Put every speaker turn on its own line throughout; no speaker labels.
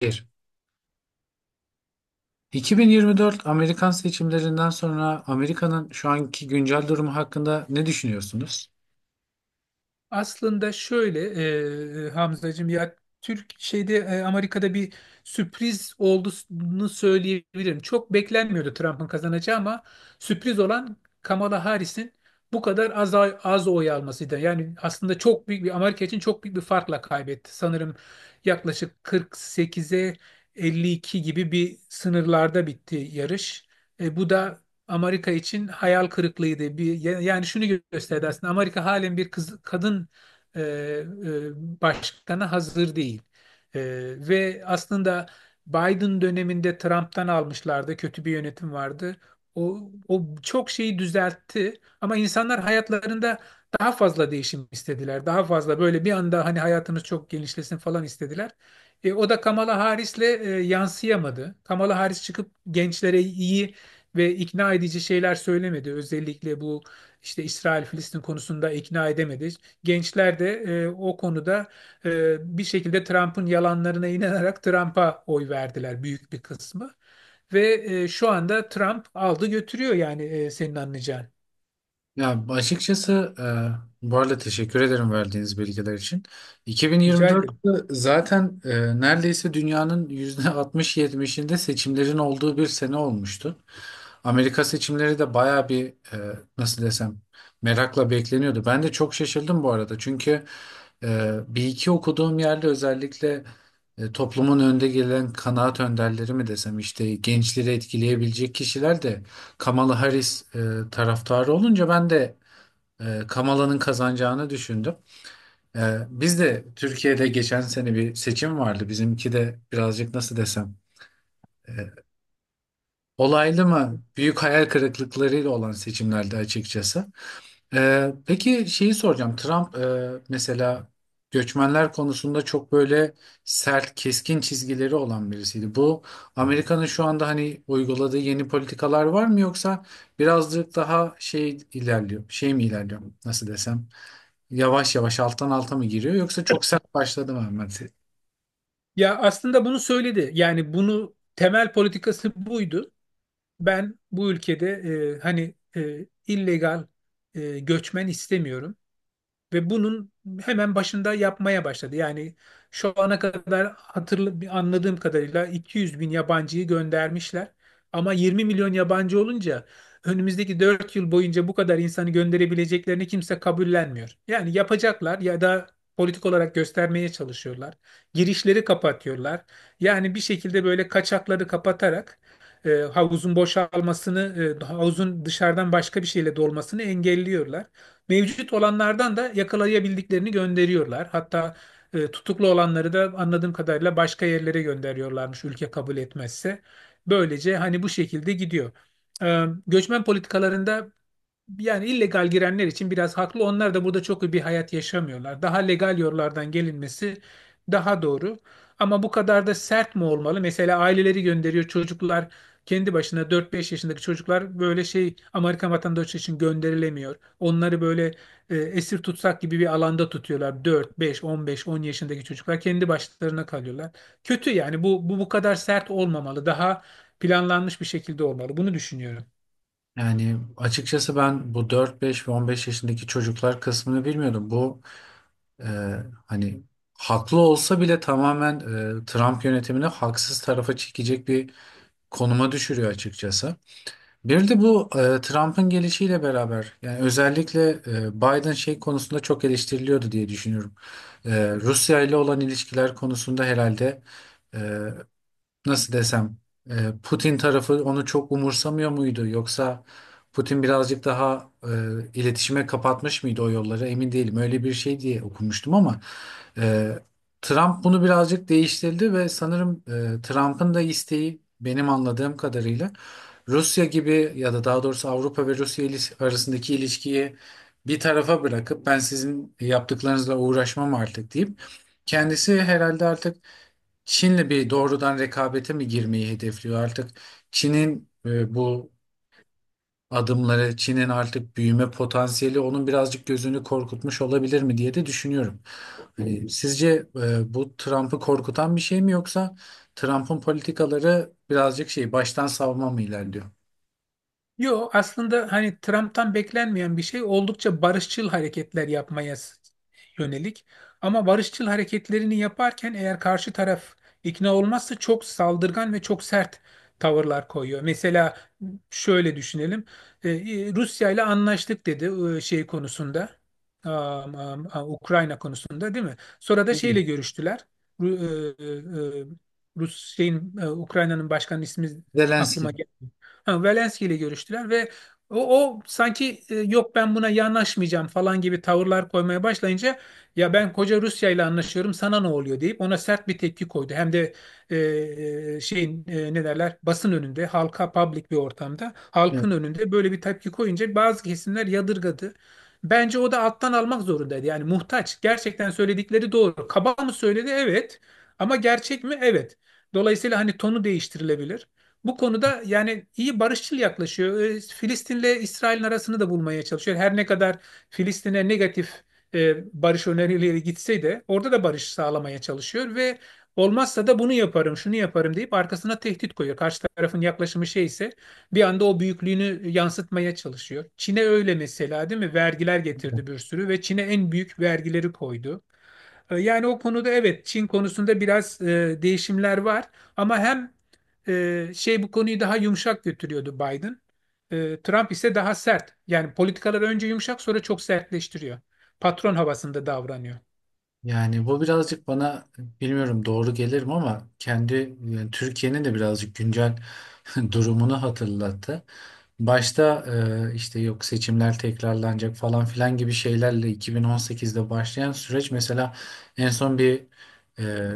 Bir. 2024 Amerikan seçimlerinden sonra Amerika'nın şu anki güncel durumu hakkında ne düşünüyorsunuz?
Aslında şöyle Hamzacığım ya Türk şeyde Amerika'da bir sürpriz olduğunu söyleyebilirim. Çok beklenmiyordu Trump'ın kazanacağı ama sürpriz olan Kamala Harris'in bu kadar az oy almasıydı. Yani aslında çok büyük bir Amerika için çok büyük bir farkla kaybetti. Sanırım yaklaşık 48'e 52 gibi bir sınırlarda bitti yarış. Bu da Amerika için hayal kırıklığıydı. Bir, yani şunu gösterdi aslında Amerika halen bir kız, kadın e, e, başkana hazır değil. E, Ve aslında Biden döneminde Trump'tan almışlardı. Kötü bir yönetim vardı. O çok şeyi düzeltti ama insanlar hayatlarında daha fazla değişim istediler. Daha fazla böyle bir anda hani hayatımız çok genişlesin falan istediler. O da Kamala Harris'le yansıyamadı. Kamala Harris çıkıp gençlere iyi ve ikna edici şeyler söylemedi. Özellikle bu işte İsrail-Filistin konusunda ikna edemedi. Gençler de o konuda bir şekilde Trump'ın yalanlarına inanarak Trump'a oy verdiler büyük bir kısmı. Ve şu anda Trump aldı götürüyor yani senin anlayacağın.
Ya açıkçası, bu arada teşekkür ederim verdiğiniz bilgiler için.
Rica ederim.
2024'te zaten neredeyse dünyanın %60-70'inde seçimlerin olduğu bir sene olmuştu. Amerika seçimleri de baya bir, nasıl desem, merakla bekleniyordu. Ben de çok şaşırdım bu arada, çünkü bir iki okuduğum yerde özellikle toplumun önde gelen kanaat önderleri mi desem, işte gençleri etkileyebilecek kişiler de Kamala Harris taraftarı olunca ben de Kamala'nın kazanacağını düşündüm. E, Biz de Türkiye'de geçen sene bir seçim vardı. Bizimki de birazcık, nasıl desem, olaylı mı, büyük hayal kırıklıklarıyla olan seçimlerdi açıkçası. Peki şeyi soracağım. Trump mesela göçmenler konusunda çok böyle sert, keskin çizgileri olan birisiydi. Bu Amerika'nın şu anda hani uyguladığı yeni politikalar var mı, yoksa birazcık daha şey ilerliyor, şey mi ilerliyor, nasıl desem? Yavaş yavaş alttan alta mı giriyor, yoksa çok sert başladı mı Ahmet?
Ya aslında bunu söyledi. Yani bunu temel politikası buydu. Ben bu ülkede hani illegal göçmen istemiyorum. Ve bunun hemen başında yapmaya başladı. Yani şu ana kadar anladığım kadarıyla 200 bin yabancıyı göndermişler. Ama 20 milyon yabancı olunca önümüzdeki 4 yıl boyunca bu kadar insanı gönderebileceklerini kimse kabullenmiyor. Yani yapacaklar ya da politik olarak göstermeye çalışıyorlar. Girişleri kapatıyorlar. Yani bir şekilde böyle kaçakları kapatarak havuzun boşalmasını, havuzun dışarıdan başka bir şeyle dolmasını engelliyorlar. Mevcut olanlardan da yakalayabildiklerini gönderiyorlar. Hatta tutuklu olanları da anladığım kadarıyla başka yerlere gönderiyorlarmış ülke kabul etmezse. Böylece hani bu şekilde gidiyor. Göçmen politikalarında yani illegal girenler için biraz haklı. Onlar da burada çok iyi bir hayat yaşamıyorlar. Daha legal yollardan gelinmesi daha doğru. Ama bu kadar da sert mi olmalı? Mesela aileleri gönderiyor çocuklar kendi başına 4-5 yaşındaki çocuklar böyle şey Amerikan vatandaşı için gönderilemiyor. Onları böyle esir tutsak gibi bir alanda tutuyorlar. Dört beş 15 10 yaşındaki çocuklar kendi başlarına kalıyorlar. Kötü yani bu kadar sert olmamalı. Daha planlanmış bir şekilde olmalı. Bunu düşünüyorum.
Yani açıkçası ben bu 4, 5 ve 15 yaşındaki çocuklar kısmını bilmiyordum. Bu, e, hani, haklı olsa bile tamamen Trump yönetimini haksız tarafa çekecek bir konuma düşürüyor açıkçası. Bir de bu, Trump'ın gelişiyle beraber, yani özellikle Biden şey konusunda çok eleştiriliyordu diye düşünüyorum. Rusya ile olan ilişkiler konusunda herhalde, e, nasıl desem, Putin tarafı onu çok umursamıyor muydu, yoksa Putin birazcık daha iletişime kapatmış mıydı o yolları, emin değilim, öyle bir şey diye okumuştum. Ama e, Trump bunu birazcık değiştirdi ve sanırım Trump'ın da isteği, benim anladığım kadarıyla, Rusya gibi, ya da daha doğrusu Avrupa ve Rusya ilis- arasındaki ilişkiyi bir tarafa bırakıp, ben sizin yaptıklarınızla uğraşmam artık deyip, kendisi herhalde artık Çin'le bir doğrudan rekabete mi girmeyi hedefliyor artık? Çin'in, bu adımları, Çin'in artık büyüme potansiyeli onun birazcık gözünü korkutmuş olabilir mi diye de düşünüyorum. Hani sizce bu Trump'ı korkutan bir şey mi, yoksa Trump'ın politikaları birazcık şey, baştan savma mı ilerliyor?
Yo aslında hani Trump'tan beklenmeyen bir şey oldukça barışçıl hareketler yapmaya yönelik. Ama barışçıl hareketlerini yaparken eğer karşı taraf ikna olmazsa çok saldırgan ve çok sert tavırlar koyuyor. Mesela şöyle düşünelim. Rusya ile anlaştık dedi şey konusunda. Ukrayna konusunda değil mi? Sonra da
Hmm.
şeyle görüştüler. Ru- e, e, e, Rus şeyin Ukrayna'nın başkanının ismi
Zelenski.
aklıma geldi. Ha, Zelenski ile görüştüler ve o sanki yok ben buna yanaşmayacağım falan gibi tavırlar koymaya başlayınca ya ben koca Rusya ile anlaşıyorum sana ne oluyor deyip ona sert bir tepki koydu. Hem de e, şeyin ne derler basın önünde halka public bir ortamda
Evet.
halkın önünde böyle bir tepki koyunca bazı kesimler yadırgadı. Bence o da alttan almak zorundaydı yani muhtaç gerçekten söyledikleri doğru. Kaba mı söyledi evet ama gerçek mi evet. Dolayısıyla hani tonu değiştirilebilir. Bu konuda yani iyi barışçıl yaklaşıyor. Filistin'le İsrail'in arasını da bulmaya çalışıyor. Her ne kadar Filistin'e negatif e, barış önerileri gitse de orada da barış sağlamaya çalışıyor ve olmazsa da bunu yaparım, şunu yaparım deyip arkasına tehdit koyuyor. Karşı tarafın yaklaşımı şey ise bir anda o büyüklüğünü yansıtmaya çalışıyor. Çin'e öyle mesela değil mi? Vergiler getirdi bir sürü ve Çin'e en büyük vergileri koydu. Yani o konuda evet Çin konusunda biraz değişimler var ama hem şey bu konuyu daha yumuşak götürüyordu Biden. Trump ise daha sert. Yani politikalar önce yumuşak sonra çok sertleştiriyor. Patron havasında davranıyor.
Yani bu birazcık bana, bilmiyorum doğru gelir mi ama, kendi, yani Türkiye'nin de birazcık güncel durumunu hatırlattı. Başta işte yok seçimler tekrarlanacak falan filan gibi şeylerle 2018'de başlayan süreç, mesela en son bir, e,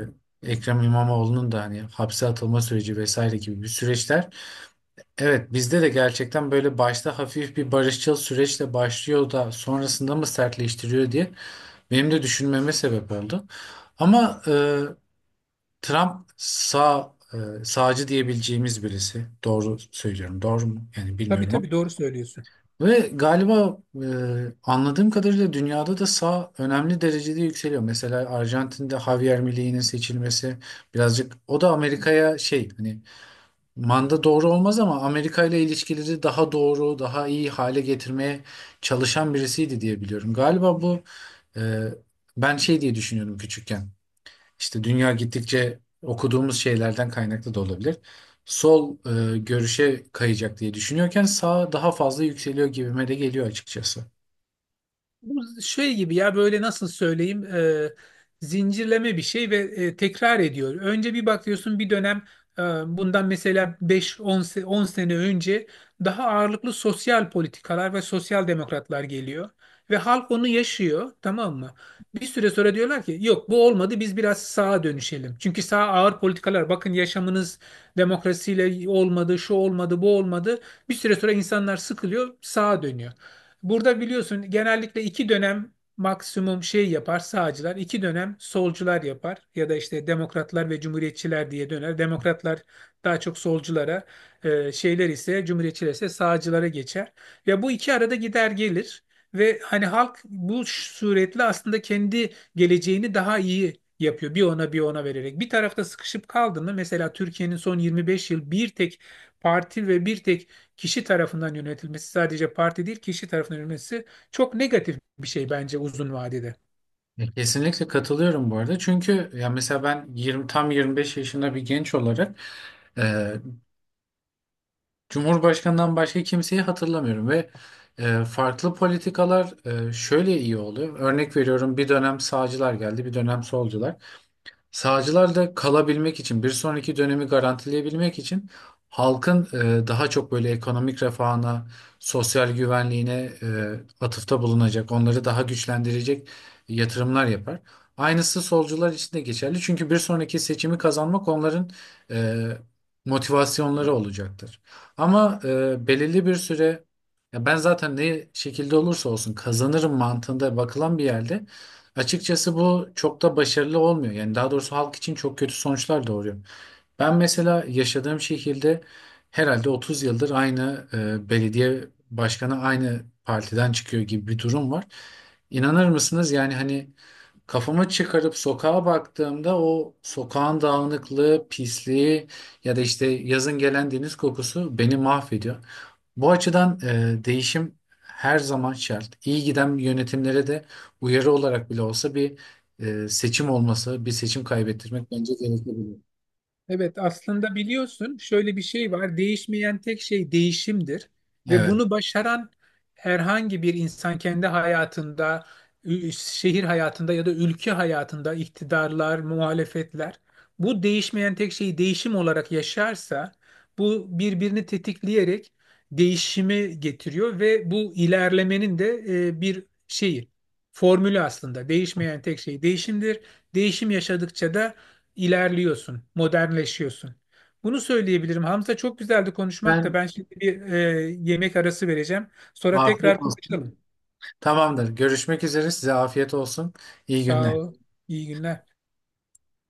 Ekrem İmamoğlu'nun da hani hapse atılma süreci vesaire gibi bir süreçler. Evet, bizde de gerçekten böyle başta hafif bir barışçıl süreçle başlıyor da sonrasında mı sertleştiriyor diye benim de düşünmeme sebep oldu. Ama Trump sağ, sağcı diyebileceğimiz birisi. Doğru söylüyorum. Doğru mu? Yani
Tabii
bilmiyorum ama.
tabii doğru söylüyorsun.
Ve galiba, anladığım kadarıyla, dünyada da sağ önemli derecede yükseliyor. Mesela Arjantin'de Javier Milei'nin seçilmesi, birazcık o da Amerika'ya şey, hani manda doğru olmaz ama, Amerika ile ilişkileri daha doğru, daha iyi hale getirmeye çalışan birisiydi diye biliyorum. Galiba bu, e, ben şey diye düşünüyordum küçükken. İşte dünya gittikçe, okuduğumuz şeylerden kaynaklı da olabilir, sol, görüşe kayacak diye düşünüyorken sağ daha fazla yükseliyor gibime de geliyor açıkçası.
Bu şey gibi ya böyle nasıl söyleyeyim zincirleme bir şey ve tekrar ediyor. Önce bir bakıyorsun bir dönem e, bundan mesela 10 sene önce daha ağırlıklı sosyal politikalar ve sosyal demokratlar geliyor. Ve halk onu yaşıyor tamam mı? Bir süre sonra diyorlar ki yok bu olmadı biz biraz sağa dönüşelim. Çünkü sağ ağır politikalar bakın yaşamınız demokrasiyle olmadı şu olmadı bu olmadı. Bir süre sonra insanlar sıkılıyor sağa dönüyor. Burada biliyorsun genellikle iki dönem maksimum şey yapar sağcılar, iki dönem solcular yapar ya da işte demokratlar ve cumhuriyetçiler diye döner. Demokratlar daha çok solculara, şeyler ise cumhuriyetçiler ise sağcılara geçer. Ve bu iki arada gider gelir ve hani halk bu suretle aslında kendi geleceğini daha iyi yapıyor. Bir ona bir ona vererek. Bir tarafta sıkışıp kaldı mı mesela Türkiye'nin son 25 yıl bir tek parti ve bir tek kişi tarafından yönetilmesi sadece parti değil kişi tarafından yönetilmesi çok negatif bir şey bence uzun vadede.
Ya, kesinlikle katılıyorum bu arada. Çünkü ya mesela, ben 20 tam 25 yaşında bir genç olarak e, Cumhurbaşkanından başka kimseyi hatırlamıyorum ve farklı politikalar, şöyle iyi oluyor. Örnek veriyorum, bir dönem sağcılar geldi, bir dönem solcular. Sağcılar da kalabilmek için, bir sonraki dönemi garantileyebilmek için, halkın daha çok böyle ekonomik refahına, sosyal güvenliğine e, atıfta bulunacak, onları daha güçlendirecek yatırımlar yapar. Aynısı solcular için de geçerli. Çünkü bir sonraki seçimi kazanmak onların e, motivasyonları olacaktır. Ama belirli bir süre, ya ben zaten ne şekilde olursa olsun kazanırım mantığında bakılan bir yerde, açıkçası bu çok da başarılı olmuyor. Yani daha doğrusu halk için çok kötü sonuçlar doğuruyor. Ben mesela yaşadığım şehirde herhalde 30 yıldır aynı belediye başkanı aynı partiden çıkıyor gibi bir durum var. İnanır mısınız? Yani hani, kafamı çıkarıp sokağa baktığımda, o sokağın dağınıklığı, pisliği ya da işte yazın gelen deniz kokusu beni mahvediyor. Bu açıdan, değişim her zaman şart. İyi giden yönetimlere de uyarı olarak bile olsa bir, seçim olması, bir seçim kaybettirmek bence gerekebilir.
Evet aslında biliyorsun şöyle bir şey var. Değişmeyen tek şey değişimdir. Ve
Evet.
bunu başaran herhangi bir insan kendi hayatında, şehir hayatında ya da ülke hayatında iktidarlar, muhalefetler bu değişmeyen tek şeyi değişim olarak yaşarsa bu birbirini tetikleyerek değişimi getiriyor ve bu ilerlemenin de bir şeyi, formülü aslında. Değişmeyen tek şey değişimdir. Değişim yaşadıkça da ilerliyorsun, modernleşiyorsun. Bunu söyleyebilirim. Hamza çok güzeldi konuşmak da
Ben.
ben şimdi bir yemek arası vereceğim. Sonra
Afiyet
tekrar
olsun.
konuşalım.
Tamamdır. Görüşmek üzere. Size afiyet olsun. İyi
Sağ
günler.
ol. İyi günler.